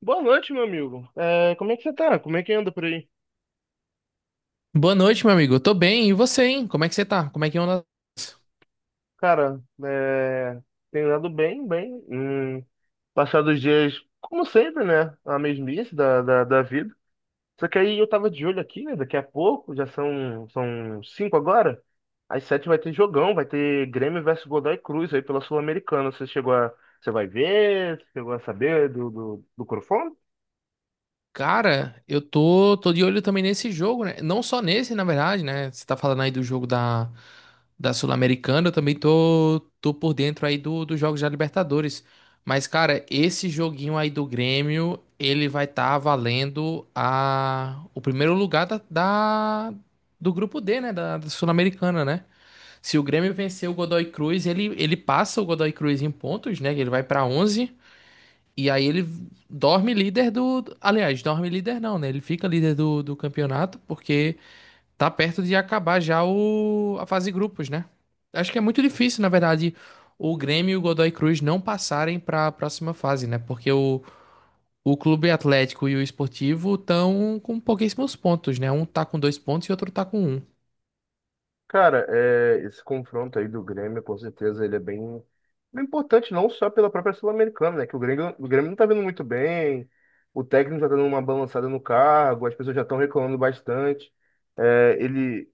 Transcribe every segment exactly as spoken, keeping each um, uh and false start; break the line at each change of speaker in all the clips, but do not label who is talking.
Boa noite, meu amigo. É, como é que você tá? Como é que anda por aí?
Boa noite, meu amigo. Eu tô bem. E você, hein? Como é que você tá? Como é que anda?
Cara, é, tenho andado bem, bem. Hum, passado os dias, como sempre, né? A mesmice da, da, da vida. Só que aí eu tava de olho aqui, né? Daqui a pouco, já são, são cinco agora. Às sete vai ter jogão, vai ter Grêmio versus Godoy Cruz aí pela Sul-Americana. Você chegou a. Você vai ver? Você chegou a saber do, do, do
Cara, eu tô, tô de olho também nesse jogo, né? Não só nesse, na verdade, né? Você tá falando aí do jogo da, da Sul-Americana, eu também tô, tô por dentro aí do, dos jogos da Libertadores. Mas, cara, esse joguinho aí do Grêmio, ele vai estar valendo a, o primeiro lugar da, da- do grupo D, né? Da, da Sul-Americana, né? Se o Grêmio vencer o Godoy Cruz, ele, ele passa o Godoy Cruz em pontos, né? Ele vai para onze e aí ele dorme líder do. Aliás, dorme líder não, né? Ele fica líder do, do campeonato porque tá perto de acabar já o, a fase grupos, né? Acho que é muito difícil, na verdade, o Grêmio e o Godoy Cruz não passarem para a próxima fase, né? Porque o, o Clube Atlético e o Esportivo estão com pouquíssimos pontos, né? Um tá com dois pontos e outro tá com um.
Cara, é, esse confronto aí do Grêmio, com certeza, ele é bem, bem importante, não só pela própria Sul-Americana, né? Que o Grêmio, o Grêmio não tá vindo muito bem, o técnico já tá dando uma balançada no cargo, as pessoas já estão reclamando bastante. É, ele,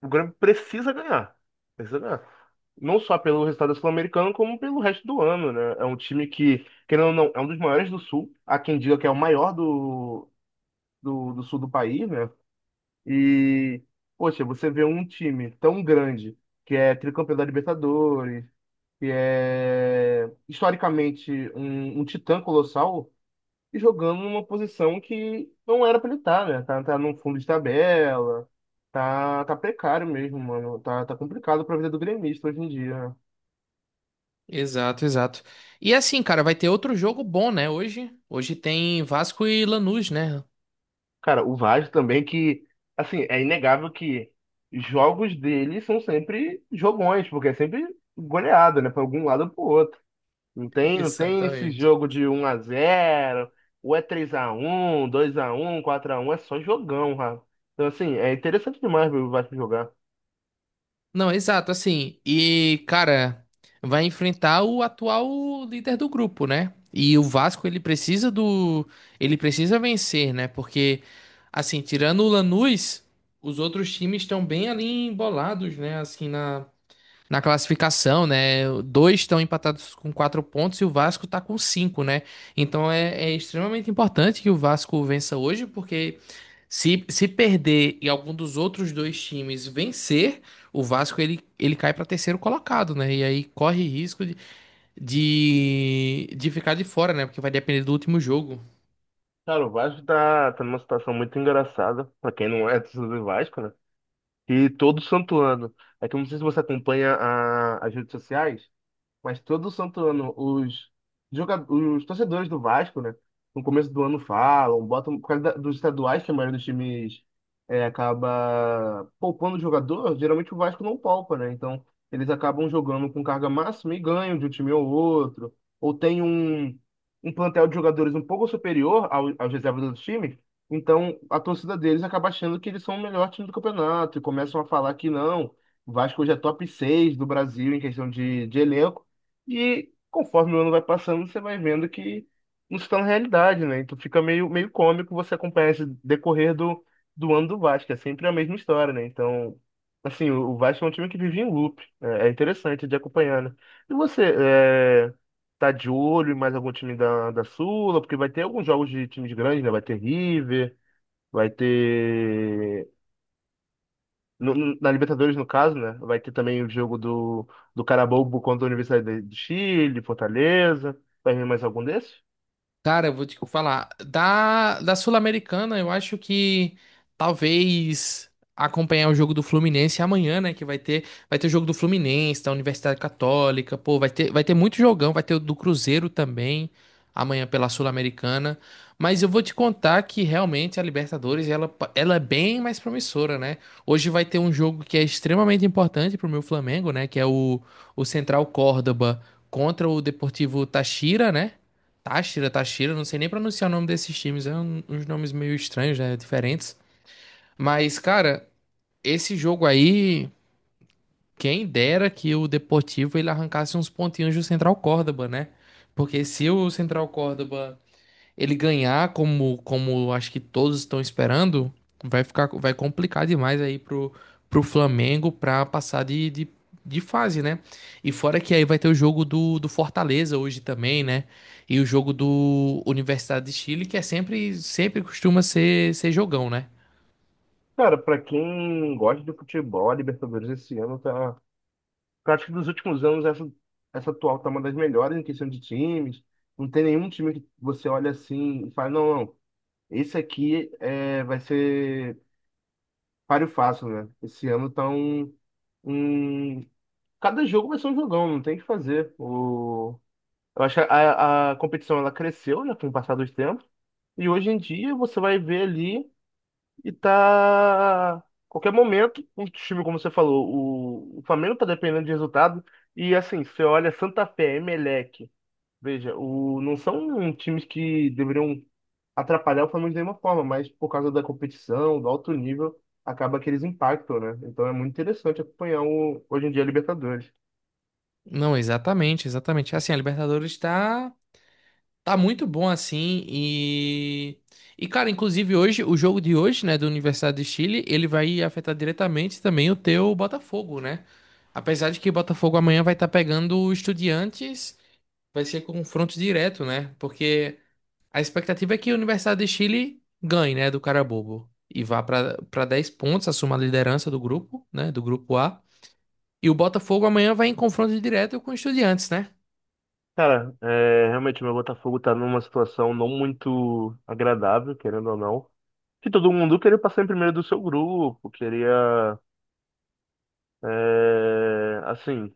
o Grêmio precisa ganhar, precisa ganhar. Não só pelo resultado da Sul-Americana, como pelo resto do ano, né? É um time que, querendo ou não, é um dos maiores do Sul. Há quem diga que é o maior do, do, do Sul do país, né? E, poxa, você vê um time tão grande, que é tricampeão da Libertadores, que é historicamente um, um titã colossal, e jogando numa posição que não era pra ele estar, né? Tá, tá no fundo de tabela, tá, tá precário mesmo, mano. Tá, tá complicado pra vida do gremista hoje em dia. né?
Exato, exato. E assim, cara, vai ter outro jogo bom, né? Hoje, hoje tem Vasco e Lanús, né?
Cara, o Vasco também que, assim, é inegável que jogos dele são sempre jogões, porque é sempre goleada, né? Pra algum lado ou pro outro. Não tem, não tem esse
Exatamente.
jogo de um a zero ou é três a um, dois a um, quatro a um, é só jogão, cara. Então assim, é interessante demais ver o Vasco jogar.
Não, exato, assim. E, cara, vai enfrentar o atual líder do grupo, né? E o Vasco, ele precisa do. Ele precisa vencer, né? Porque, assim, tirando o Lanús, os outros times estão bem ali embolados, né? Assim, na. na classificação, né? Dois estão empatados com quatro pontos e o Vasco está com cinco, né? Então é, é extremamente importante que o Vasco vença hoje, porque se, se perder e algum dos outros dois times vencer, o Vasco ele, ele cai para terceiro colocado, né? E aí corre risco de, de, de ficar de fora, né? Porque vai depender do último jogo.
Cara, o Vasco tá, tá numa situação muito engraçada, pra quem não é torcedor do Vasco, né? E todo santo ano. É que eu não sei se você acompanha a- as redes sociais, Mas todo santo ano, os, joga- os torcedores do Vasco, né? No começo do ano falam, botam, por causa da- dos estaduais, que a maioria dos times é, acaba poupando o jogador, geralmente o Vasco não poupa, né? Então, eles acabam jogando com carga máxima e ganham de um time ou outro. Ou tem um, um plantel de jogadores um pouco superior ao, aos reservas dos times. Então, a torcida deles acaba achando que eles são o melhor time do campeonato e começam a falar que não, o Vasco hoje é top seis do Brasil em questão de, de elenco. E conforme o ano vai passando, você vai vendo que não se torna realidade, né? Então fica meio, meio cômico você acompanhar esse decorrer do, do ano do Vasco. É sempre a mesma história, né? Então, assim, o o Vasco é um time que vive em loop. É, é interessante de acompanhar, né? E você, é, tá de olho em mais algum time da, da Sula? Porque vai ter alguns jogos de times grandes, né? Vai ter River, vai ter no- no- na Libertadores, no caso, né? Vai ter também o jogo do, do Carabobo contra a Universidade do Chile, Fortaleza. Vai vir mais algum desses?
Cara, eu vou te falar. Da, da Sul-Americana, eu acho que talvez acompanhar o jogo do Fluminense amanhã, né? Que vai ter, vai ter o jogo do Fluminense, da Universidade Católica, pô, vai ter, vai ter muito jogão, vai ter o do Cruzeiro também, amanhã pela Sul-Americana. Mas eu vou te contar que realmente a Libertadores, ela, pa- ela é bem mais promissora, né? Hoje vai ter um jogo que é extremamente importante pro meu Flamengo, né? Que é o, o Central Córdoba contra o Deportivo Táchira, né? Táchira, Táchira, não sei nem pronunciar o nome desses times, é um- uns nomes meio estranhos, né, diferentes. Mas, cara, esse jogo aí, quem dera que o Deportivo ele arrancasse uns pontinhos do Central Córdoba, né? Porque se o Central Córdoba ele ganhar como como acho que todos estão esperando, vai ficar vai complicar demais aí pro pro Flamengo pra passar de, de, de fase, né? E fora que aí vai ter o jogo do, do Fortaleza hoje também, né? E o jogo do Universidade de Chile, que é sempre sempre costuma ser ser jogão, né?
Cara, pra quem gosta de futebol, a Libertadores esse ano tá. Eu acho que dos últimos anos, essa, essa atual tá uma das melhores em questão de times. Não tem nenhum time que você olha assim e fala, não, não, esse aqui é, vai ser páreo fácil, né? Esse ano tá um, um- Cada jogo vai ser um jogão, não tem o que fazer. O... Eu acho que a, a competição ela cresceu já com o passar dos tempos. E hoje em dia você vai ver ali e tá. Qualquer momento, um time, como você falou, o, o Flamengo tá dependendo de resultado. E assim, você olha Santa Fé, Emelec. Veja, o, não são times que deveriam atrapalhar o Flamengo de nenhuma forma, mas por causa da competição, do alto nível, acaba que eles impactam, né? Então é muito interessante acompanhar o, hoje em dia a Libertadores.
Não, exatamente, exatamente. Assim, a Libertadores está Tá muito bom assim e e cara, inclusive hoje o jogo de hoje, né, do Universidade de Chile, ele vai afetar diretamente também o teu Botafogo, né? Apesar de que o Botafogo amanhã vai estar pegando o Estudiantes, vai ser confronto direto, né? Porque a expectativa é que o Universidade de Chile ganhe, né, do Carabobo e vá para para dez pontos, assuma a liderança do grupo, né, do grupo A. E o Botafogo amanhã vai em confronto direto com o Estudiantes, né?
Cara, é, realmente o meu Botafogo tá numa situação não muito agradável, querendo ou não. Que todo mundo queria passar em primeiro do seu grupo, queria, é, assim,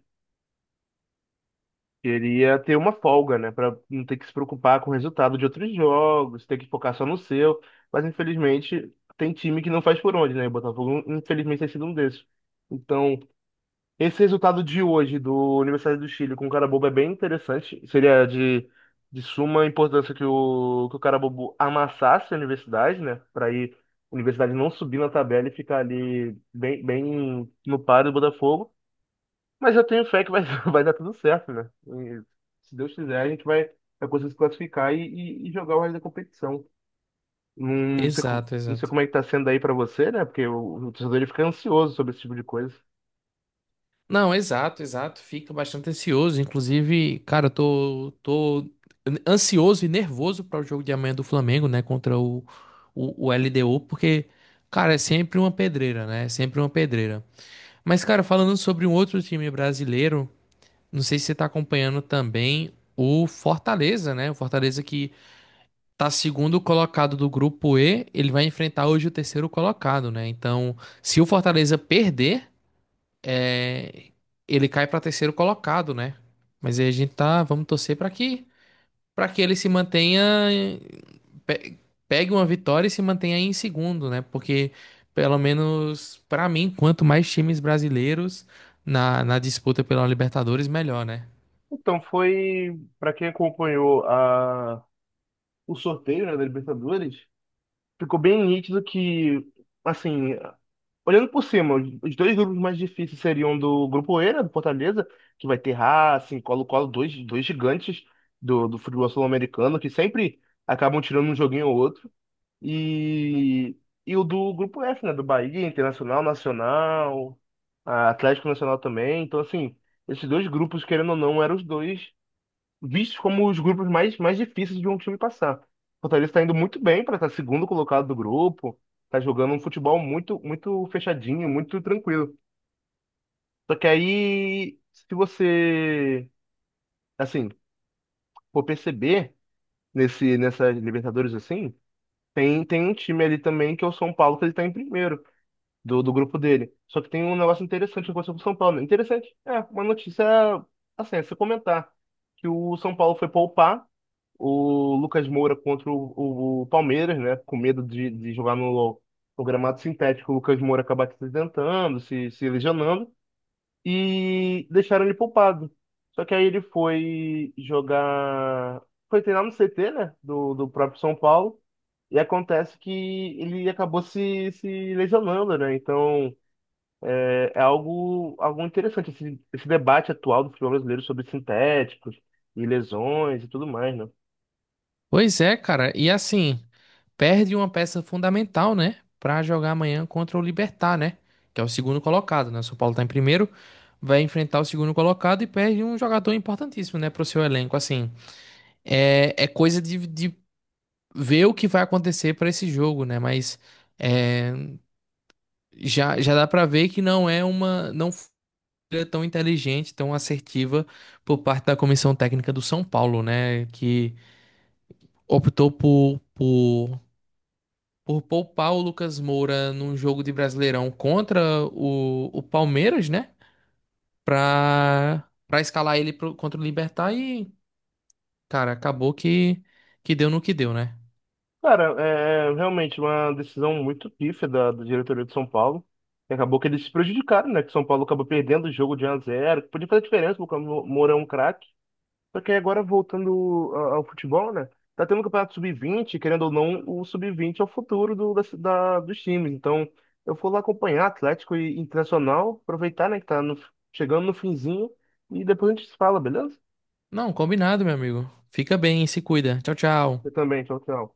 queria ter uma folga, né? Pra não ter que se preocupar com o resultado de outros jogos, ter que focar só no seu. Mas infelizmente tem time que não faz por onde, né? O Botafogo, infelizmente, tem sido um desses. Então, Esse resultado de hoje do Universidade do Chile com o Carabobo é bem interessante. Seria de, de suma importância que o, que o Carabobo amassasse a universidade, né? Para ir a universidade não subir na tabela e ficar ali bem, bem no par do Botafogo. Mas eu tenho fé que vai, vai dar tudo certo, né? E, se Deus quiser, a gente vai, vai conseguir se classificar e, e- e jogar o resto da competição. Não sei, co-
Exato,
não sei
exato.
como é que tá sendo aí para você, né? Porque o, o torcedor ele fica ansioso sobre esse tipo de coisa.
Não, exato, exato. Fica bastante ansioso. Inclusive, cara, eu tô, tô ansioso e nervoso para o jogo de amanhã do Flamengo, né? Contra o, o, o L D U, porque, cara, é sempre uma pedreira, né? É sempre uma pedreira. Mas, cara, falando sobre um outro time brasileiro, não sei se você tá acompanhando também o Fortaleza, né? O Fortaleza que tá segundo colocado do grupo E, ele vai enfrentar hoje o terceiro colocado, né? Então, se o Fortaleza perder é, ele cai para terceiro colocado, né? Mas aí a gente tá, vamos torcer para que para que ele se mantenha pe- pegue uma vitória e se mantenha em segundo, né? Porque pelo menos para mim, quanto mais times brasileiros na, na disputa pela Libertadores, melhor, né?
Então, foi para quem acompanhou a, o sorteio, né, da Libertadores, ficou bem nítido que, assim, olhando por cima, os os dois grupos mais difíceis seriam do Grupo E, né, do Fortaleza, que vai ter Racing, Colo-Colo, dois, dois gigantes do, do futebol sul-americano, que sempre acabam tirando um joguinho ou outro, e, e o do Grupo F, né, do Bahia, Internacional, Nacional, a Atlético Nacional também, então, assim, esses dois grupos, querendo ou não, eram os dois vistos como os grupos mais, mais difíceis de um time passar. O Fortaleza está indo muito bem para estar segundo colocado do grupo, está jogando um futebol muito, muito fechadinho, muito tranquilo. Só que aí, se você, assim, for perceber nesse, nessa Libertadores assim, tem, tem um time ali também que é o São Paulo que ele está em primeiro. do, do grupo dele. Só que tem um negócio interessante que aconteceu com o São Paulo. né? Interessante, é, uma notícia, assim, é se comentar, que o São Paulo foi poupar o Lucas Moura contra o, o- o Palmeiras, né, com medo de, de jogar no, no gramado sintético, o Lucas Moura acabar se acidentando, se, se lesionando, e deixaram ele poupado. Só que aí ele foi jogar, foi treinar no C T, né, do, do próprio São Paulo, e acontece que ele acabou se, se lesionando, né? Então, é algo, algo interessante, esse, esse debate atual do futebol brasileiro sobre sintéticos e lesões e tudo mais, né?
Pois é, cara. E assim, perde uma peça fundamental, né? Pra jogar amanhã contra o Libertad, né? Que é o segundo colocado, né? O São Paulo tá em primeiro, vai enfrentar o segundo colocado e perde um jogador importantíssimo, né? Pro seu elenco. Assim, é, é coisa de, de ver o que vai acontecer pra esse jogo, né? Mas é, já, já dá pra ver que não é uma. Não foi tão inteligente, tão assertiva por parte da comissão técnica do São Paulo, né? Que optou por. por por poupar o Lucas Moura num jogo de Brasileirão contra o, o Palmeiras, né? Pra, pra escalar ele pro- contra o Libertad e, cara, acabou que, que deu no que deu, né?
Cara, é é realmente uma decisão muito pífia da, da diretoria de São Paulo. E acabou que eles se prejudicaram, né? Que São Paulo acabou perdendo o jogo de um a zero, que podia fazer diferença, porque o Moura é um craque. Só que agora voltando a- ao futebol, né? Tá tendo o campeonato sub vinte, querendo ou não, o sub vinte é o futuro do, da, da- dos times. Então, eu vou lá acompanhar Atlético e Internacional, aproveitar, né, que tá no- chegando no finzinho, e depois a gente se fala, beleza?
Não, combinado, meu amigo. Fica bem, se cuida. Tchau,
Eu
tchau.
também, tchau, tchau.